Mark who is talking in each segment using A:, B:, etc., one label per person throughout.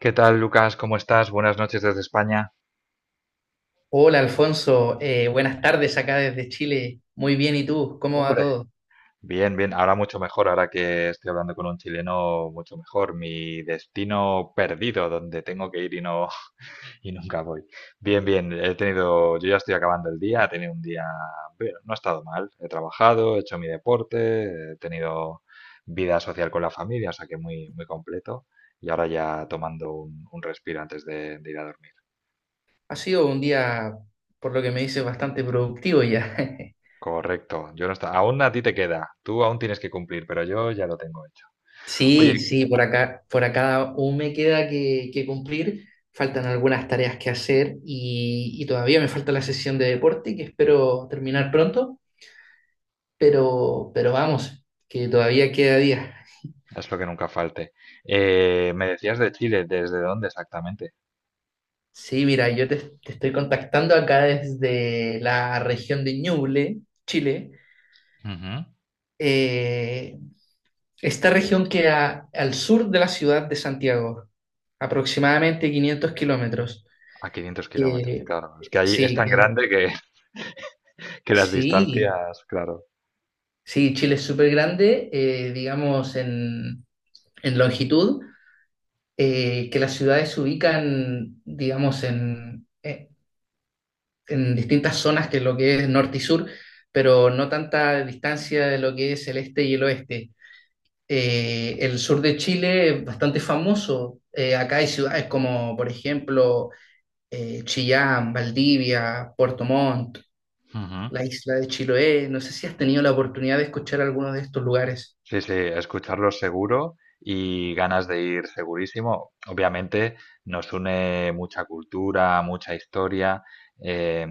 A: ¿Qué tal, Lucas? ¿Cómo estás? Buenas noches desde España.
B: Hola Alfonso, buenas tardes acá desde Chile. Muy bien, ¿y tú? ¿Cómo va
A: Hombre,
B: todo?
A: bien, bien. Ahora mucho mejor, ahora que estoy hablando con un chileno, mucho mejor. Mi destino perdido, donde tengo que ir y no y nunca voy. Bien, bien. He tenido, yo ya estoy acabando el día. He tenido un día, bueno, no ha estado mal. He trabajado, he hecho mi deporte, he tenido vida social con la familia, o sea que muy, muy completo. Y ahora ya tomando un respiro antes de ir a dormir.
B: Ha sido un día, por lo que me dices, bastante productivo ya.
A: Correcto, yo no está. Aún a ti te queda, tú aún tienes que cumplir, pero yo ya lo tengo hecho.
B: Sí,
A: Oye,
B: sí, por acá aún me queda que cumplir. Faltan algunas tareas que hacer y todavía me falta la sesión de deporte que espero terminar pronto, pero vamos, que todavía queda día.
A: es lo que nunca falte. Me decías de Chile, ¿desde dónde exactamente?
B: Sí, mira, te estoy contactando acá desde la región de Ñuble, Chile.
A: Ujú.
B: Eh, Esta región queda al sur de la ciudad de Santiago, aproximadamente 500 kilómetros.
A: A 500 kilómetros,
B: Que-
A: claro. Es que allí es
B: sí,
A: tan
B: que-
A: grande que, que las
B: sí,
A: distancias, claro.
B: sí, Chile es súper grande, digamos, en longitud, que las ciudades se ubican, digamos, en distintas zonas que lo que es norte y sur, pero no tanta distancia de lo que es el este y el oeste. El sur de Chile es bastante famoso. Acá hay ciudades como, por ejemplo, Chillán, Valdivia, Puerto Montt, la isla de Chiloé. No sé si has tenido la oportunidad de escuchar alguno de estos lugares.
A: Sí, sí, escucharlo seguro y ganas de ir segurísimo. Obviamente nos une mucha cultura, mucha historia. eh,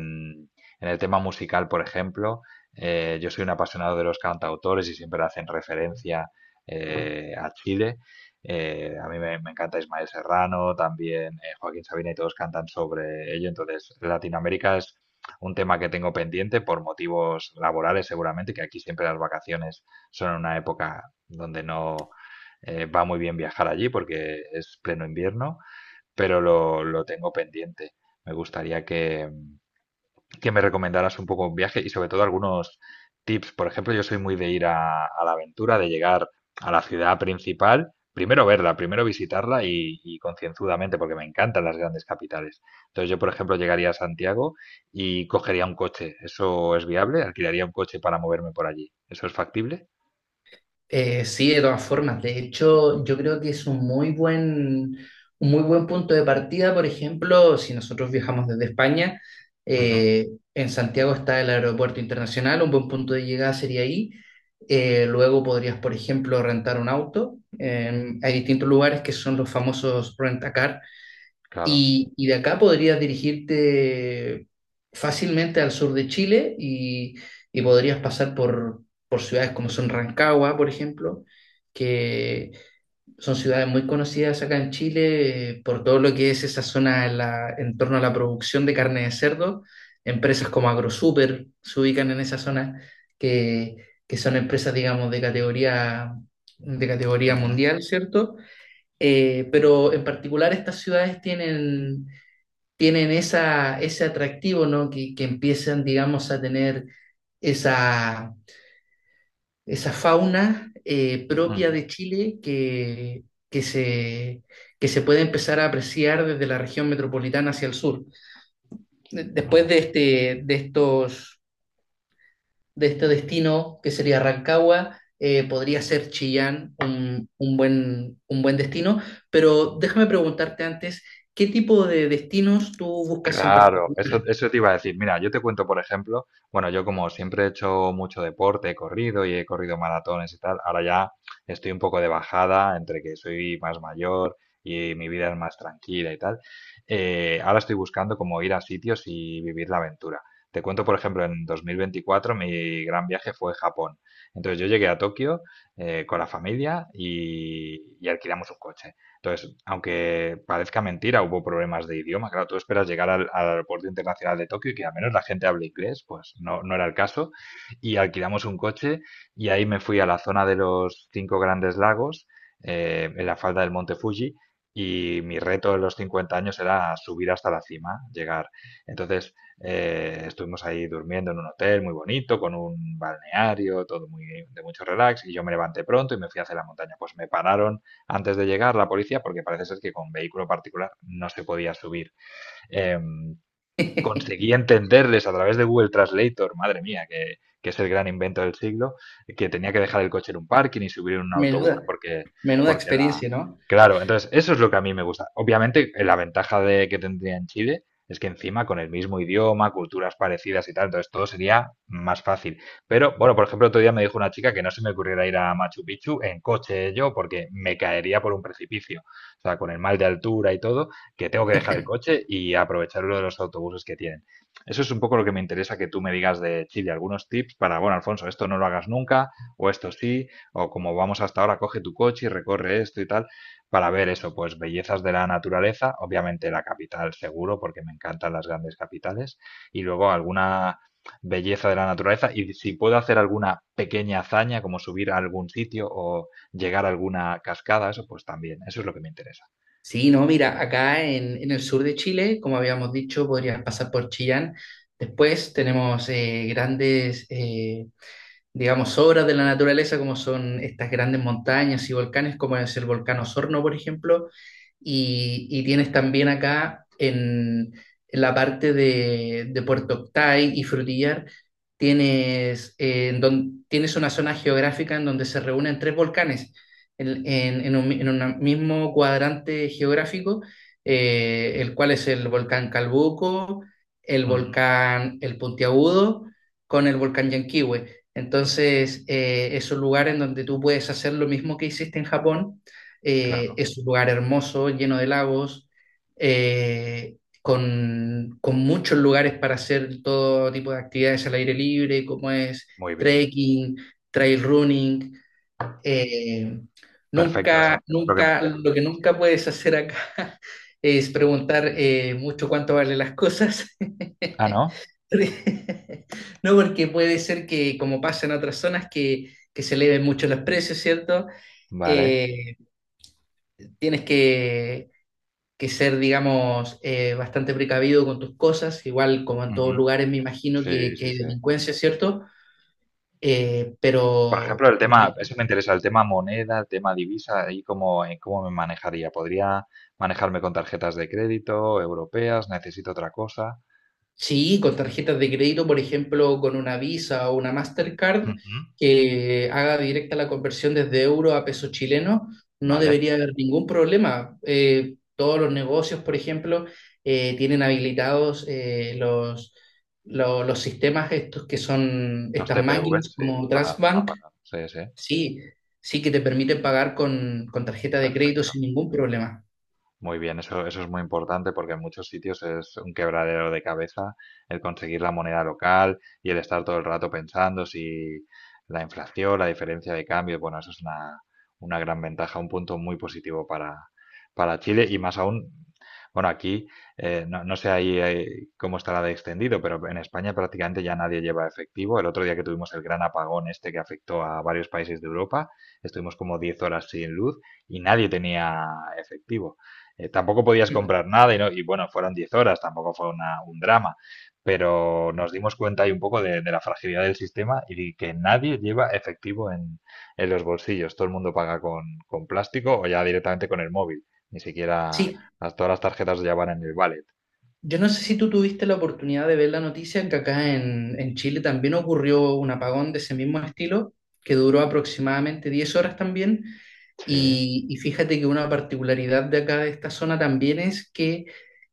A: en el tema musical, por ejemplo, yo soy un apasionado de los cantautores y siempre hacen referencia a Chile. A mí me encanta Ismael Serrano, también Joaquín Sabina y todos cantan sobre ello. Entonces, Latinoamérica es un tema que tengo pendiente por motivos laborales seguramente, que aquí siempre las vacaciones son una época donde no va muy bien viajar allí porque es pleno invierno, pero lo tengo pendiente. Me gustaría que me recomendaras un poco un viaje y sobre todo algunos tips. Por ejemplo, yo soy muy de ir a la aventura, de llegar a la ciudad principal, primero verla, primero visitarla y concienzudamente, porque me encantan las grandes capitales. Entonces yo, por ejemplo, llegaría a Santiago y cogería un coche. ¿Eso es viable? ¿Alquilaría un coche para moverme por allí? ¿Eso es factible?
B: Sí, de todas formas. De hecho, yo creo que es un muy buen punto de partida. Por ejemplo, si nosotros viajamos desde España, eh, en Santiago está el aeropuerto internacional, un buen punto de llegada sería ahí. Luego podrías, por ejemplo, rentar un auto. Hay distintos lugares que son los famosos rentacar.
A: Claro.
B: Y de acá podrías dirigirte fácilmente al sur de Chile y podrías pasar por ciudades como son Rancagua, por ejemplo, que son ciudades muy conocidas acá en Chile por todo lo que es esa zona en torno a la producción de carne de cerdo. Empresas como AgroSuper se ubican en esa zona, que, que son empresas, digamos, de categoría
A: Ujú,
B: mundial, ¿cierto? Pero en particular estas ciudades tienen ese atractivo, ¿no? Que empiezan, digamos, a tener esa, esa fauna propia
A: ujú,
B: de Chile que se, que se puede empezar a apreciar desde la región metropolitana hacia el sur. Después
A: muy
B: de
A: bien.
B: estos, de este destino, que sería Rancagua, podría ser Chillán un buen destino, pero déjame preguntarte antes, ¿qué tipo de destinos tú buscas en
A: Claro,
B: particular?
A: eso te iba a decir. Mira, yo te cuento, por ejemplo, bueno, yo como siempre he hecho mucho deporte, he corrido y he corrido maratones y tal, ahora ya estoy un poco de bajada entre que soy más mayor y mi vida es más tranquila y tal. Ahora estoy buscando como ir a sitios y vivir la aventura. Te cuento, por ejemplo, en 2024 mi gran viaje fue Japón. Entonces yo llegué a Tokio con la familia y alquilamos un coche. Entonces, aunque parezca mentira, hubo problemas de idioma. Claro, tú esperas llegar al aeropuerto internacional de Tokio y que al menos la gente hable inglés, pues no, no era el caso. Y alquilamos un coche y ahí me fui a la zona de los cinco grandes lagos, en la falda del Monte Fuji, y mi reto de los 50 años era subir hasta la cima, llegar. Entonces, estuvimos ahí durmiendo en un hotel muy bonito, con un balneario, todo muy de mucho relax, y yo me levanté pronto y me fui hacia la montaña. Pues me pararon antes de llegar la policía, porque parece ser que con vehículo particular no se podía subir. Eh, conseguía entenderles a través de Google Translator, madre mía, que es el gran invento del siglo, que tenía que dejar el coche en un parking y subir en un autobús
B: Menuda,
A: porque,
B: menuda
A: porque la...
B: experiencia, ¿no?
A: Claro, entonces eso es lo que a mí me gusta. Obviamente, la ventaja de que tendría en Chile es que encima con el mismo idioma, culturas parecidas y tal, entonces todo sería más fácil. Pero, bueno, por ejemplo, otro día me dijo una chica que no se me ocurriera ir a Machu Picchu en coche yo porque me caería por un precipicio. O sea, con el mal de altura y todo, que tengo que dejar el coche y aprovechar uno de los autobuses que tienen. Eso es un poco lo que me interesa que tú me digas de Chile, algunos tips para, bueno, Alfonso, esto no lo hagas nunca, o esto sí, o como vamos hasta ahora, coge tu coche y recorre esto y tal, para ver eso, pues bellezas de la naturaleza, obviamente la capital seguro, porque me encantan las grandes capitales, y luego alguna belleza de la naturaleza y si puedo hacer alguna pequeña hazaña como subir a algún sitio o llegar a alguna cascada, eso pues también, eso es lo que me interesa.
B: Sí, no, mira, en el sur de Chile, como habíamos dicho, podrías pasar por Chillán. Después tenemos grandes digamos, obras de la naturaleza, como son estas grandes montañas y volcanes, como es el volcán Osorno, por ejemplo, y tienes también la parte de Puerto Octay y Frutillar, tienes, tienes una zona geográfica en donde se reúnen tres volcanes en un mismo cuadrante geográfico, el cual es el volcán Calbuco, el
A: Ujú.
B: volcán El Puntiagudo, con el volcán Llanquihue. Entonces, es un lugar en donde tú puedes hacer lo mismo que hiciste en Japón.
A: Claro.
B: Es un lugar hermoso, lleno de lagos, eh, con muchos lugares para hacer todo tipo de actividades al aire libre, como es
A: Muy bien.
B: trekking, trail running. Eh,
A: Perfecto, eso, eso es lo que me
B: nunca,
A: interesa.
B: lo que nunca puedes hacer acá es preguntar mucho cuánto valen las cosas.
A: Ah, ¿no?
B: No, porque puede ser que, como pasa en otras zonas, que se eleven mucho los precios, ¿cierto?
A: Vale.
B: Eh, tienes que ser, digamos, bastante precavido con tus cosas, igual como en
A: Ujú.
B: todos lugares me imagino
A: Sí,
B: que
A: sí,
B: hay
A: sí.
B: delincuencia, ¿cierto? Eh,
A: Por ejemplo,
B: pero,
A: el tema, eso me interesa, el tema moneda, el tema divisa, ahí cómo me manejaría. ¿Podría manejarme con tarjetas de crédito europeas? ¿Necesito otra cosa?
B: Sí, con tarjetas de crédito, por ejemplo, con una Visa o una Mastercard
A: Ujú.
B: que haga directa la conversión desde euro a peso chileno, no
A: Vale.
B: debería haber ningún problema. Todos los negocios, por ejemplo, tienen habilitados los sistemas estos que son
A: Los
B: estas
A: TPV
B: máquinas
A: sí,
B: como
A: para
B: Transbank,
A: pagar. Sí, sí,
B: sí, sí que te permiten pagar con tarjeta de crédito
A: perfecto.
B: sin ningún problema.
A: Muy bien, eso es muy importante porque en muchos sitios es un quebradero de cabeza el conseguir la moneda local y el estar todo el rato pensando si la inflación, la diferencia de cambio, bueno, eso es una gran ventaja, un punto muy positivo para Chile y más aún, bueno, aquí no, no sé ahí cómo estará de extendido, pero en España prácticamente ya nadie lleva efectivo. El otro día que tuvimos el gran apagón este que afectó a varios países de Europa, estuvimos como 10 horas sin luz y nadie tenía efectivo. Tampoco podías
B: Mm.
A: comprar nada y, no, y bueno, fueron 10 horas, tampoco fue un drama, pero nos dimos cuenta ahí un poco de la fragilidad del sistema y que nadie lleva efectivo en los bolsillos. Todo el mundo paga con plástico o ya directamente con el móvil. Ni siquiera
B: Sí,
A: todas las tarjetas ya van en el wallet.
B: yo no sé si tú tuviste la oportunidad de ver la noticia que en Chile también ocurrió un apagón de ese mismo estilo, que duró aproximadamente 10 horas también.
A: Sí.
B: Y fíjate que una particularidad de acá de esta zona también es que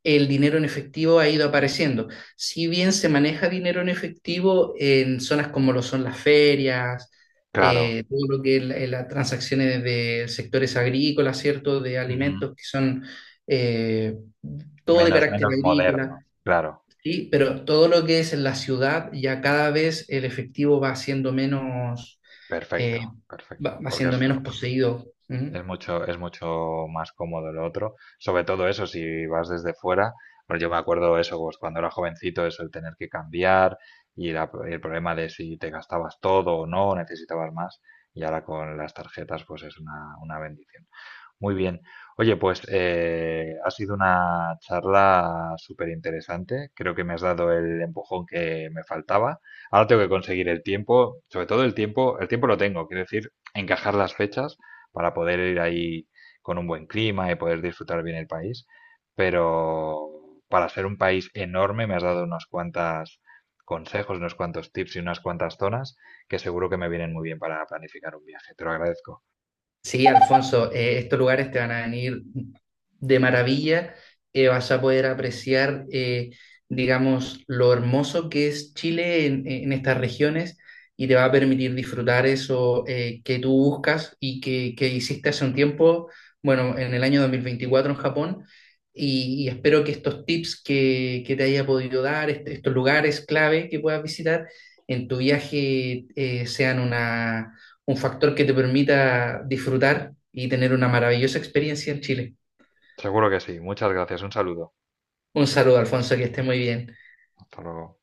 B: el dinero en efectivo ha ido apareciendo. Si bien se maneja dinero en efectivo en zonas como lo son las ferias,
A: Claro.
B: todo lo que es la- las transacciones de sectores agrícolas, ¿cierto? De
A: Ujú.
B: alimentos que son... eh, todo de
A: Menos,
B: carácter
A: menos moderno.
B: agrícola,
A: Claro.
B: ¿sí? Pero todo lo que es en la ciudad, ya cada vez el efectivo va siendo menos, eh,
A: Perfecto, perfecto.
B: va
A: Porque
B: siendo menos poseído. ¿Mm?
A: Es mucho más cómodo lo otro. Sobre todo eso, si vas desde fuera. Bueno, yo me acuerdo eso, pues cuando era jovencito, eso, el tener que cambiar y el problema de si te gastabas todo o no, necesitabas más. Y ahora con las tarjetas, pues es una bendición. Muy bien. Oye, pues ha sido una charla súper interesante. Creo que me has dado el empujón que me faltaba. Ahora tengo que conseguir el tiempo, sobre todo el tiempo lo tengo, quiero decir, encajar las fechas para poder ir ahí con un buen clima y poder disfrutar bien el país. Pero para ser un país enorme me has dado unos cuantos consejos, unos cuantos tips y unas cuantas zonas que seguro que me vienen muy bien para planificar un viaje. Te lo agradezco.
B: Sí, Alfonso, estos lugares te van a venir de maravilla. Vas a poder apreciar, digamos, lo hermoso que es Chile en estas regiones y te va a permitir disfrutar eso que tú buscas y que hiciste hace un tiempo, bueno, en el año 2024 en Japón. Y espero que estos tips que te haya podido dar, estos lugares clave que puedas visitar en tu viaje, sean una un factor que te permita disfrutar y tener una maravillosa experiencia en Chile.
A: Seguro que sí. Muchas gracias. Un saludo.
B: Un saludo, Alfonso, que esté muy bien.
A: Hasta luego.